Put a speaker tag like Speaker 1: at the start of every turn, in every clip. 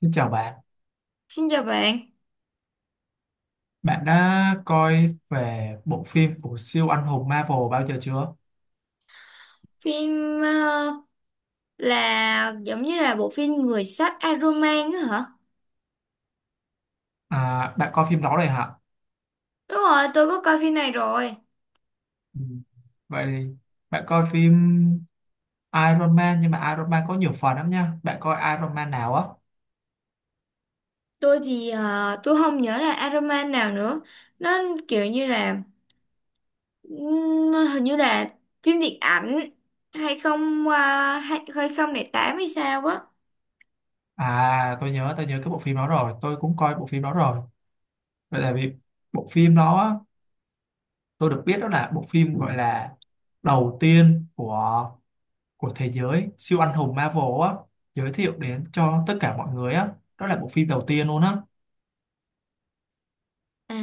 Speaker 1: Xin chào bạn,
Speaker 2: Xin chào bạn.
Speaker 1: bạn đã coi về bộ phim của siêu anh hùng Marvel bao giờ chưa?
Speaker 2: Phim ờ, là giống như là bộ phim Người sắt Aroman á hả?
Speaker 1: À, bạn coi phim đó rồi hả?
Speaker 2: Đúng rồi, tôi có coi phim này rồi.
Speaker 1: Ừ. Vậy thì bạn coi phim Iron Man, nhưng mà Iron Man có nhiều phần lắm nha. Bạn coi Iron Man nào á?
Speaker 2: Tôi thì tôi không nhớ là Aroman nào nữa. Nó kiểu như là hình như là phim điện ảnh 20 2008 hay sao á.
Speaker 1: À, tôi nhớ cái bộ phim đó rồi. Tôi cũng coi bộ phim đó rồi. Vậy là vì bộ phim đó á, tôi được biết đó là bộ phim gọi là đầu tiên của thế giới siêu anh hùng Marvel á, giới thiệu đến cho tất cả mọi người á. Đó là bộ phim đầu tiên luôn á.
Speaker 2: À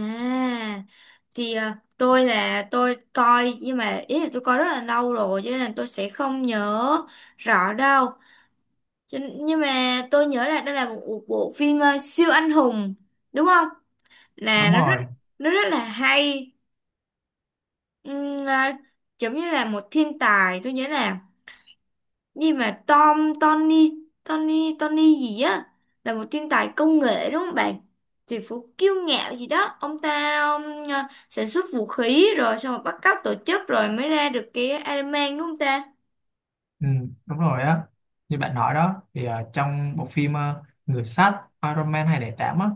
Speaker 2: thì à, tôi là tôi coi nhưng mà ý là tôi coi rất là lâu rồi, cho nên là tôi sẽ không nhớ rõ đâu. Cho- Nhưng mà tôi nhớ là đây là một bộ phim siêu anh hùng, đúng không? Là
Speaker 1: Đúng rồi.
Speaker 2: nó rất là hay. Ừm, à, Giống như là một thiên tài, tôi nhớ là như mà Tom Tony Tony Tony gì á, là một thiên tài công nghệ đúng không bạn? Thì phú kiêu ngạo gì đó, ông ta sản xuất vũ khí rồi xong rồi bắt cóc tổ chức rồi mới ra được cái Iron Man đúng không ta?
Speaker 1: Ừ, đúng rồi á, như bạn nói đó thì trong bộ phim Người sắt Iron Man 208 á,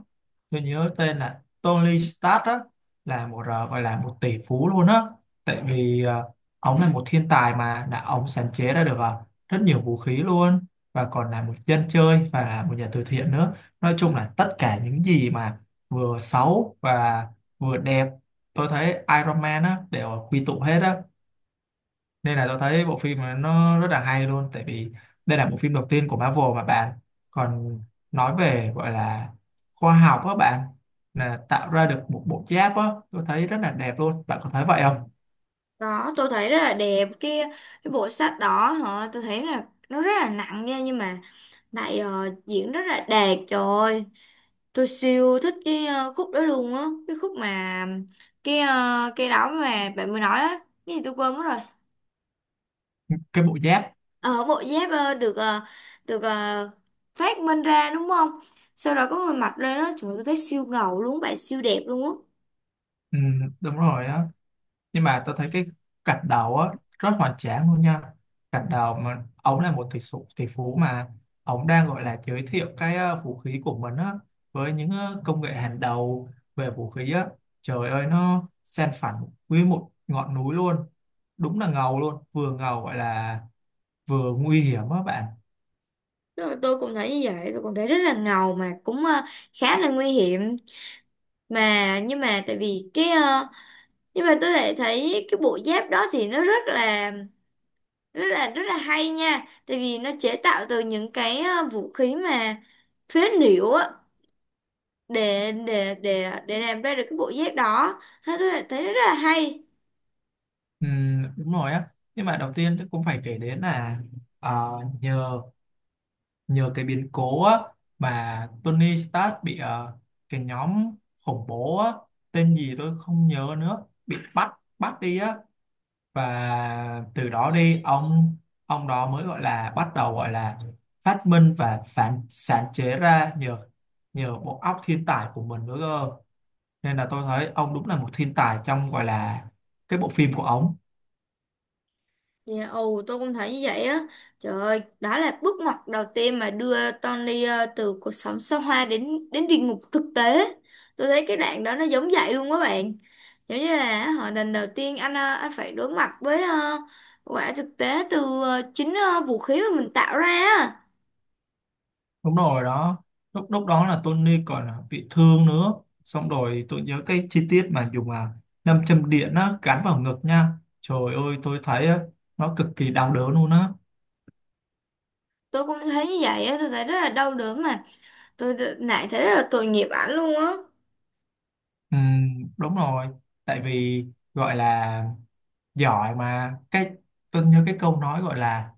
Speaker 1: tôi nhớ tên là Tony Stark á, là một gọi là một tỷ phú luôn á, tại vì ông là một thiên tài mà đã ông sáng chế ra được rất nhiều vũ khí luôn, và còn là một dân chơi và là một nhà từ thiện nữa. Nói chung là tất cả những gì mà vừa xấu và vừa đẹp, tôi thấy Iron Man á đều quy tụ hết á, nên là tôi thấy bộ phim này nó rất là hay luôn, tại vì đây là bộ phim đầu tiên của Marvel mà bạn, còn nói về gọi là khoa học á bạn, là tạo ra được một bộ giáp á, tôi thấy rất là đẹp luôn, bạn có thấy vậy không?
Speaker 2: Đó, tôi thấy rất là đẹp cái bộ sách đó hả, tôi thấy là nó rất là nặng nha, nhưng mà lại diễn rất là đẹp. Trời ơi, tôi siêu thích cái khúc đó luôn á, cái khúc mà cái cái đó mà bạn mới nói á, cái gì tôi quên mất rồi.
Speaker 1: Cái bộ giáp.
Speaker 2: Ờ Bộ giáp được phát minh ra đúng không? Sau đó có người mặc lên đó, trời ơi, tôi thấy siêu ngầu luôn bạn, siêu đẹp luôn á.
Speaker 1: Ừ, đúng rồi á, nhưng mà tôi thấy cái cạch đầu á rất hoành tráng luôn nha. Cạch đầu mà ông là một tỷ phú, tỷ phú mà ông đang gọi là giới thiệu cái vũ khí của mình á, với những công nghệ hàng đầu về vũ khí á, trời ơi nó san phẳng nguyên một ngọn núi luôn. Đúng là ngầu luôn, vừa ngầu gọi là vừa nguy hiểm á bạn.
Speaker 2: Rồi tôi cũng thấy như vậy, tôi cũng thấy rất là ngầu mà cũng khá là nguy hiểm, nhưng mà tại vì cái nhưng mà tôi lại thấy cái bộ giáp đó thì nó rất là hay nha, tại vì nó chế tạo từ những cái vũ khí mà phế liệu á, để làm ra được cái bộ giáp đó, thế tôi lại thấy nó rất là hay.
Speaker 1: Đúng rồi á, nhưng mà đầu tiên tôi cũng phải kể đến là ờ, nhờ nhờ cái biến cố á, mà Tony Stark bị cái nhóm khủng bố á, tên gì tôi không nhớ nữa, bị bắt, bắt đi á. Và từ đó đi ông đó mới gọi là bắt đầu gọi là phát minh và phản sáng chế ra nhờ nhờ bộ óc thiên tài của mình nữa cơ, nên là tôi thấy ông đúng là một thiên tài trong gọi là cái bộ phim của ông.
Speaker 2: Dạ, ồ, tôi cũng thấy như vậy á. Trời ơi, đó là bước ngoặt đầu tiên mà đưa Tony từ cuộc sống xa hoa đến đến địa ngục thực tế. Tôi thấy cái đoạn đó nó giống vậy luôn các bạn. Giống như là họ lần đầu tiên anh anh phải đối mặt với quả thực tế từ chính vũ khí mà mình tạo ra á.
Speaker 1: Đúng rồi đó, lúc lúc đó là Tony còn bị thương nữa, xong rồi tôi nhớ cái chi tiết mà dùng nam châm điện á gắn vào ngực nha, trời ơi tôi thấy á, nó cực kỳ đau đớn luôn á.
Speaker 2: Tôi cũng thấy như vậy á, tôi thấy rất là đau đớn mà. Tôi lại thấy rất là tội nghiệp ảnh luôn á.
Speaker 1: Ừm, đúng rồi, tại vì gọi là giỏi mà cái tôi nhớ cái câu nói gọi là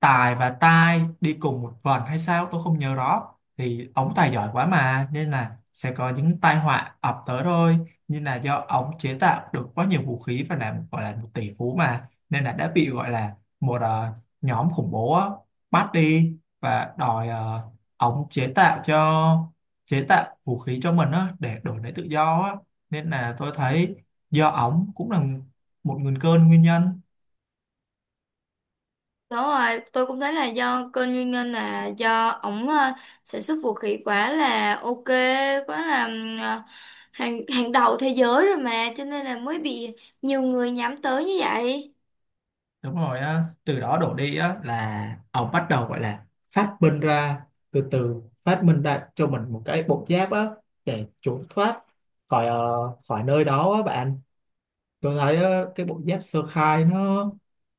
Speaker 1: Tài và Tai đi cùng một vần hay sao tôi không nhớ rõ, thì ổng tài giỏi quá mà nên là sẽ có những tai họa ập tới thôi, nhưng là do ổng chế tạo được quá nhiều vũ khí và làm gọi là một tỷ phú mà, nên là đã bị gọi là một nhóm khủng bố á, bắt đi, và đòi ổng chế tạo cho, chế tạo vũ khí cho mình á, để đổi lấy tự do á, nên là tôi thấy do ổng cũng là một nguồn cơn nguyên nhân.
Speaker 2: Đúng rồi, tôi cũng thấy là do kênh nguyên nhân là do ổng sản xuất vũ khí quá là ok, quá là hàng hàng đầu thế giới rồi mà, cho nên là mới bị nhiều người nhắm tới như vậy.
Speaker 1: Đúng rồi á, từ đó đổ đi á là ông bắt đầu gọi là phát minh ra, từ từ phát minh ra cho mình một cái bộ giáp á, để trốn thoát khỏi khỏi nơi đó á bạn. Tôi thấy cái bộ giáp sơ khai nó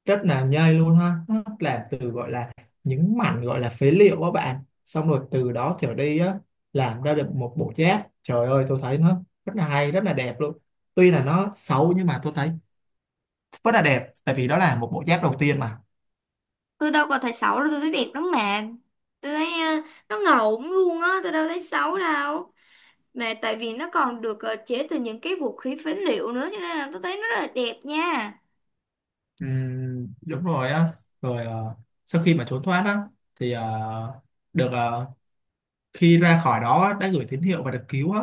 Speaker 1: rất là nhây luôn ha, nó làm từ gọi là những mảnh gọi là phế liệu á bạn, xong rồi từ đó trở đi á, làm ra được một bộ giáp, trời ơi tôi thấy nó rất là hay, rất là đẹp luôn. Tuy là nó xấu nhưng mà tôi thấy rất là đẹp, tại vì đó là một bộ giáp đầu tiên mà.
Speaker 2: Tôi đâu có thấy xấu đâu, tôi thấy đẹp lắm mà. Tôi thấy nó ngầu luôn á, tôi đâu thấy xấu đâu. Mà tại vì nó còn được chế từ những cái vũ khí phế liệu nữa, cho nên là tôi thấy nó rất là đẹp nha.
Speaker 1: Ừ, đúng rồi á, rồi sau khi mà trốn thoát á thì được khi ra khỏi đó á, đã gửi tín hiệu và được cứu á,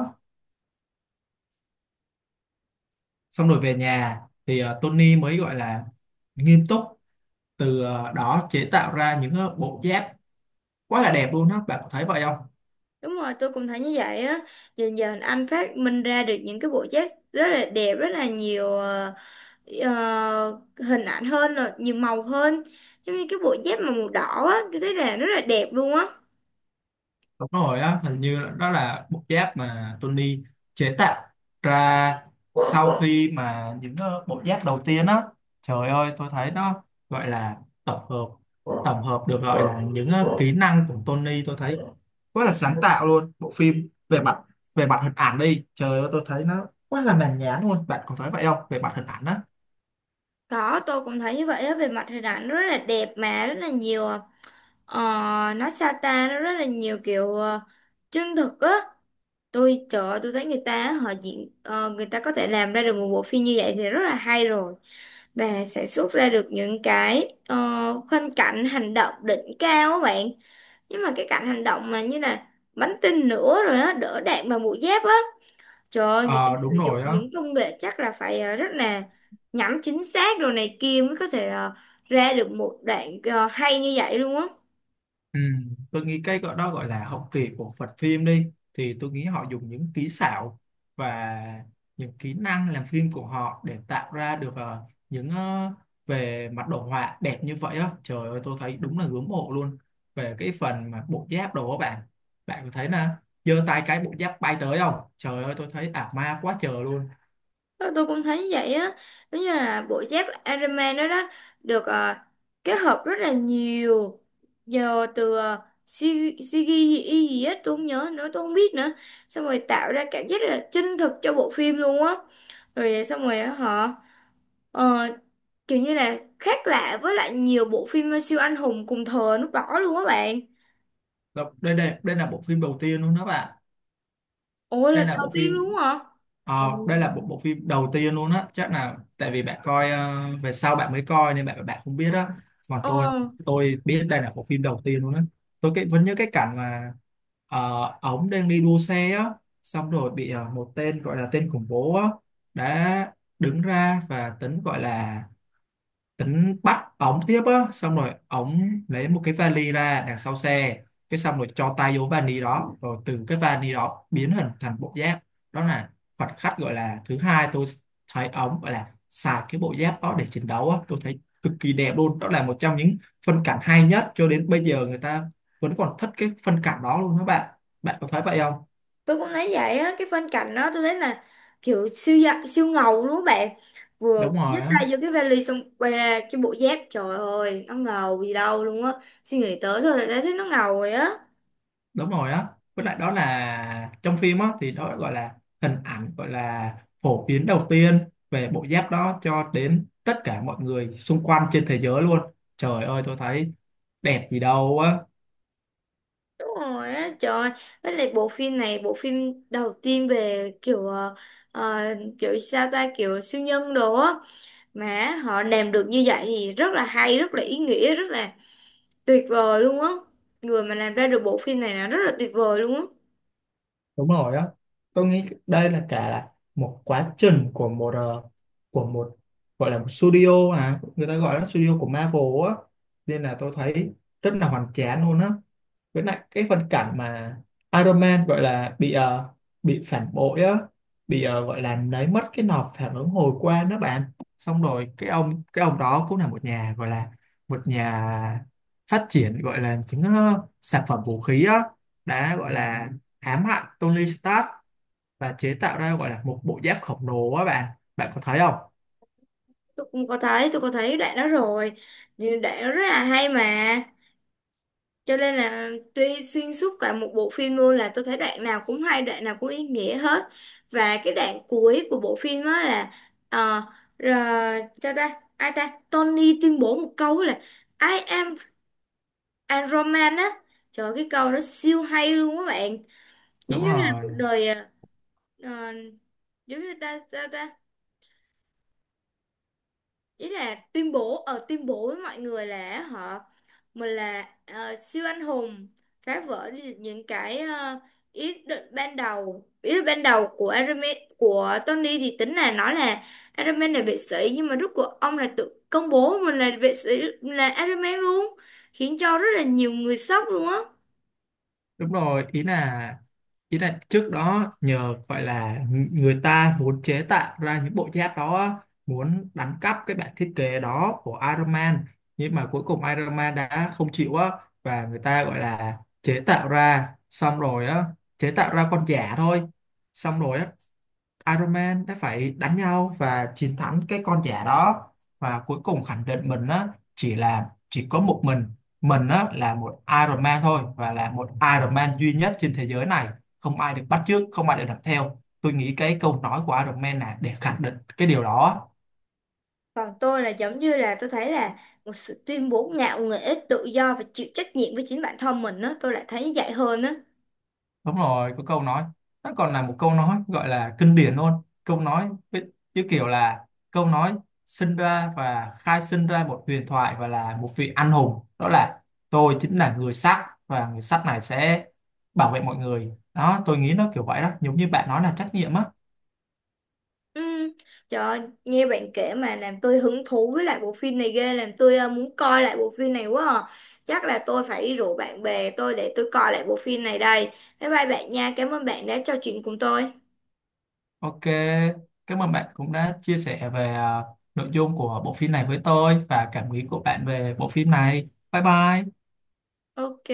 Speaker 1: xong rồi về nhà thì Tony mới gọi là nghiêm túc, từ đó chế tạo ra những bộ giáp quá là đẹp luôn á, bạn có thấy vậy không?
Speaker 2: Đúng rồi, tôi cũng thấy như vậy á. Dần dần anh phát minh ra được những cái bộ vest rất là đẹp, rất là nhiều hình ảnh hơn, rồi nhiều màu hơn. Giống như cái bộ dép mà màu đỏ á, tôi thấy là rất là đẹp luôn á.
Speaker 1: Đúng rồi á, hình như là- đó là bộ giáp mà Tony chế tạo ra sau khi mà những bộ giáp đầu tiên á, trời ơi tôi thấy nó gọi là tổng hợp, tổng hợp được gọi là những kỹ năng của Tony, tôi thấy quá là sáng tạo luôn. Bộ phim về mặt hình ảnh đi, trời ơi tôi thấy nó quá là mãn nhãn luôn. Bạn có thấy vậy không? Về mặt hình ảnh á.
Speaker 2: Đó, tôi cũng thấy như vậy á, về mặt hình ảnh nó rất là đẹp mà, rất là nhiều, ờ, nó sa ta, nó rất là nhiều kiểu chân thực á. Tôi, trời ơi, tôi thấy người ta họ diễn, người ta có thể làm ra được một bộ phim như vậy thì rất là hay rồi. Và sẽ xuất ra được những cái khoanh cảnh hành động đỉnh cao á bạn, nhưng mà cái cảnh hành động mà như là bắn tinh nữa rồi á, đỡ đạn bằng mũi giáp á, trời ơi, người ta
Speaker 1: Ờ đúng
Speaker 2: sử dụng
Speaker 1: rồi á.
Speaker 2: những công nghệ chắc là phải rất là nhắm chính xác đồ này kia mới có thể ra được một đoạn hay như vậy luôn á.
Speaker 1: Ừ, tôi nghĩ cái gọi đó gọi là hậu kỳ của Phật phim đi thì tôi nghĩ họ dùng những kỹ xảo và những kỹ năng làm phim của họ để tạo ra được những về mặt đồ họa đẹp như vậy á, trời ơi tôi thấy đúng là ngưỡng mộ luôn về cái phần mà bộ giáp đồ á bạn, bạn có thấy là giơ tay cái bộ giáp bay tới không, trời ơi tôi thấy ảo ma quá trời luôn.
Speaker 2: Tôi cũng thấy vậy á, giống như là bộ dép Iron Man đó đó được kết hợp rất là nhiều giờ từ CGI gì gì á, tôi không nhớ nữa tôi không biết nữa, xong rồi tạo ra cảm giác là chân thực cho bộ phim luôn á. Rồi xong rồi á, họ ờ, kiểu như là khác lạ với lại nhiều bộ phim siêu anh hùng cùng thời lúc đó luôn á bạn.
Speaker 1: Đó, đây đây đây là bộ phim đầu tiên luôn đó bạn.
Speaker 2: Ủa
Speaker 1: Đây
Speaker 2: lần
Speaker 1: là
Speaker 2: đầu
Speaker 1: bộ
Speaker 2: tiên luôn
Speaker 1: phim.
Speaker 2: á hả?
Speaker 1: Ờ,
Speaker 2: Ừ.
Speaker 1: đây là bộ bộ phim đầu tiên luôn á, chắc là tại vì bạn coi về sau bạn mới coi nên bạn bạn không biết á. Còn
Speaker 2: ờ
Speaker 1: tôi biết đây là bộ phim đầu tiên luôn á. Tôi vẫn nhớ cái cảnh mà ổng đang đi đua xe á, xong rồi bị một tên gọi là tên khủng bố á, đã đứng ra và tính gọi là tính bắt ổng tiếp á, xong rồi ổng lấy một cái vali ra đằng sau xe, cái xong rồi cho tay vô vali đó rồi từ cái vali đó biến hình thành bộ giáp. Đó là khoảnh khắc gọi là thứ hai, tôi thấy ổng gọi là xài cái bộ giáp đó để chiến đấu á, tôi thấy cực kỳ đẹp luôn, đó là một trong những phân cảnh hay nhất cho đến bây giờ, người ta vẫn còn thích cái phân cảnh đó luôn đó bạn, bạn có thấy vậy không?
Speaker 2: tôi cũng thấy vậy á, cái phân cảnh đó tôi thấy là kiểu siêu dạ, siêu ngầu luôn các bạn. Vừa
Speaker 1: Đúng rồi
Speaker 2: nhấc
Speaker 1: á.
Speaker 2: tay vô cái vali xong quay ra cái bộ dép, trời ơi, nó ngầu gì đâu luôn á, suy nghĩ tới thôi là đã thấy nó ngầu rồi á.
Speaker 1: Đúng rồi á, với lại đó là trong phim á thì đó gọi là hình ảnh gọi là phổ biến đầu tiên về bộ giáp đó cho đến tất cả mọi người xung quanh trên thế giới luôn, trời ơi tôi thấy đẹp gì đâu á.
Speaker 2: Đúng rồi á, trời ơi. Với lại bộ phim này bộ phim đầu tiên về kiểu ờ, kiểu sao ta, kiểu siêu nhân đồ á, mà họ làm được như vậy thì rất là hay, rất là ý nghĩa, rất là tuyệt vời luôn á. Người mà làm ra được bộ phim này là rất là tuyệt vời luôn á.
Speaker 1: Đúng rồi á, tôi nghĩ đây là cả là một quá trình của một của một gọi là một studio, à người ta gọi là studio của Marvel á, nên là tôi thấy rất là hoành tráng luôn á. Với lại cái phân cảnh mà Iron Man gọi là bị phản bội á, bị gọi là lấy mất cái nọc phản ứng hồi quang đó bạn, xong rồi cái ông đó cũng là một nhà gọi là một nhà phát triển gọi là những sản phẩm vũ khí á, đã gọi là ám hại Tony Stark và chế tạo ra gọi là một bộ giáp khổng lồ á bạn, bạn có thấy không?
Speaker 2: Tôi cũng có thấy, tôi có thấy đoạn đó rồi. Thì đoạn đó rất là hay mà, cho nên là tuy xuyên suốt cả một bộ phim luôn là tôi thấy đoạn nào cũng hay, đoạn nào cũng ý nghĩa hết. Và cái đoạn cuối của bộ phim á là ờ, rồi sao ta ai ta, Tony tuyên bố một câu là I am a Roman á. Trời ơi, cái câu đó siêu hay luôn các bạn. Giống
Speaker 1: Đúng
Speaker 2: như là
Speaker 1: rồi.
Speaker 2: một đời ờ, giống như ta sao ta, ý là tuyên bố với mọi người là họ mình là siêu anh hùng, phá vỡ đi những cái ý định ban đầu của Iron Man, của Tony thì tính là nói là Iron Man là vệ sĩ, nhưng mà rốt cuộc ông là tự công bố mình là vệ sĩ là Iron Man luôn, khiến cho rất là nhiều người sốc luôn á.
Speaker 1: Đúng rồi, ý là trước đó nhờ gọi là người ta muốn chế tạo ra những bộ giáp đó á, muốn đánh cắp cái bản thiết kế đó của Iron Man, nhưng mà cuối cùng Iron Man đã không chịu á, và người ta gọi là chế tạo ra, xong rồi á chế tạo ra con giả thôi, xong rồi á Iron Man đã phải đánh nhau và chiến thắng cái con giả đó, và cuối cùng khẳng định mình á, chỉ là chỉ có một mình á là một Iron Man thôi, và là một Iron Man duy nhất trên thế giới này, không ai được bắt chước, không ai được làm theo. Tôi nghĩ cái câu nói của Iron Man là để khẳng định cái điều đó.
Speaker 2: Còn tôi là giống như là tôi thấy là một sự tuyên bố ngạo nghễ tự do và chịu trách nhiệm với chính bản thân mình á, tôi lại thấy như vậy hơn á.
Speaker 1: Đúng rồi, có câu nói. Nó còn là một câu nói gọi là kinh điển luôn. Câu nói như kiểu là câu nói sinh ra và khai sinh ra một huyền thoại và là một vị anh hùng. Đó là tôi chính là người sắt, và người sắt này sẽ bảo vệ mọi người. Đó, tôi nghĩ nó kiểu vậy đó, giống như bạn nói là trách nhiệm á.
Speaker 2: Ừ. Trời ơi, nghe bạn kể mà làm tôi hứng thú với lại bộ phim này ghê, làm tôi muốn coi lại bộ phim này quá à. Chắc là tôi phải đi rủ bạn bè tôi để tôi coi lại bộ phim này đây. Bye bye bạn nha, cảm ơn bạn đã trò chuyện cùng tôi.
Speaker 1: Ok, cảm ơn bạn cũng đã chia sẻ về nội dung của bộ phim này với tôi và cảm nghĩ của bạn về bộ phim này. Bye bye.
Speaker 2: Ok.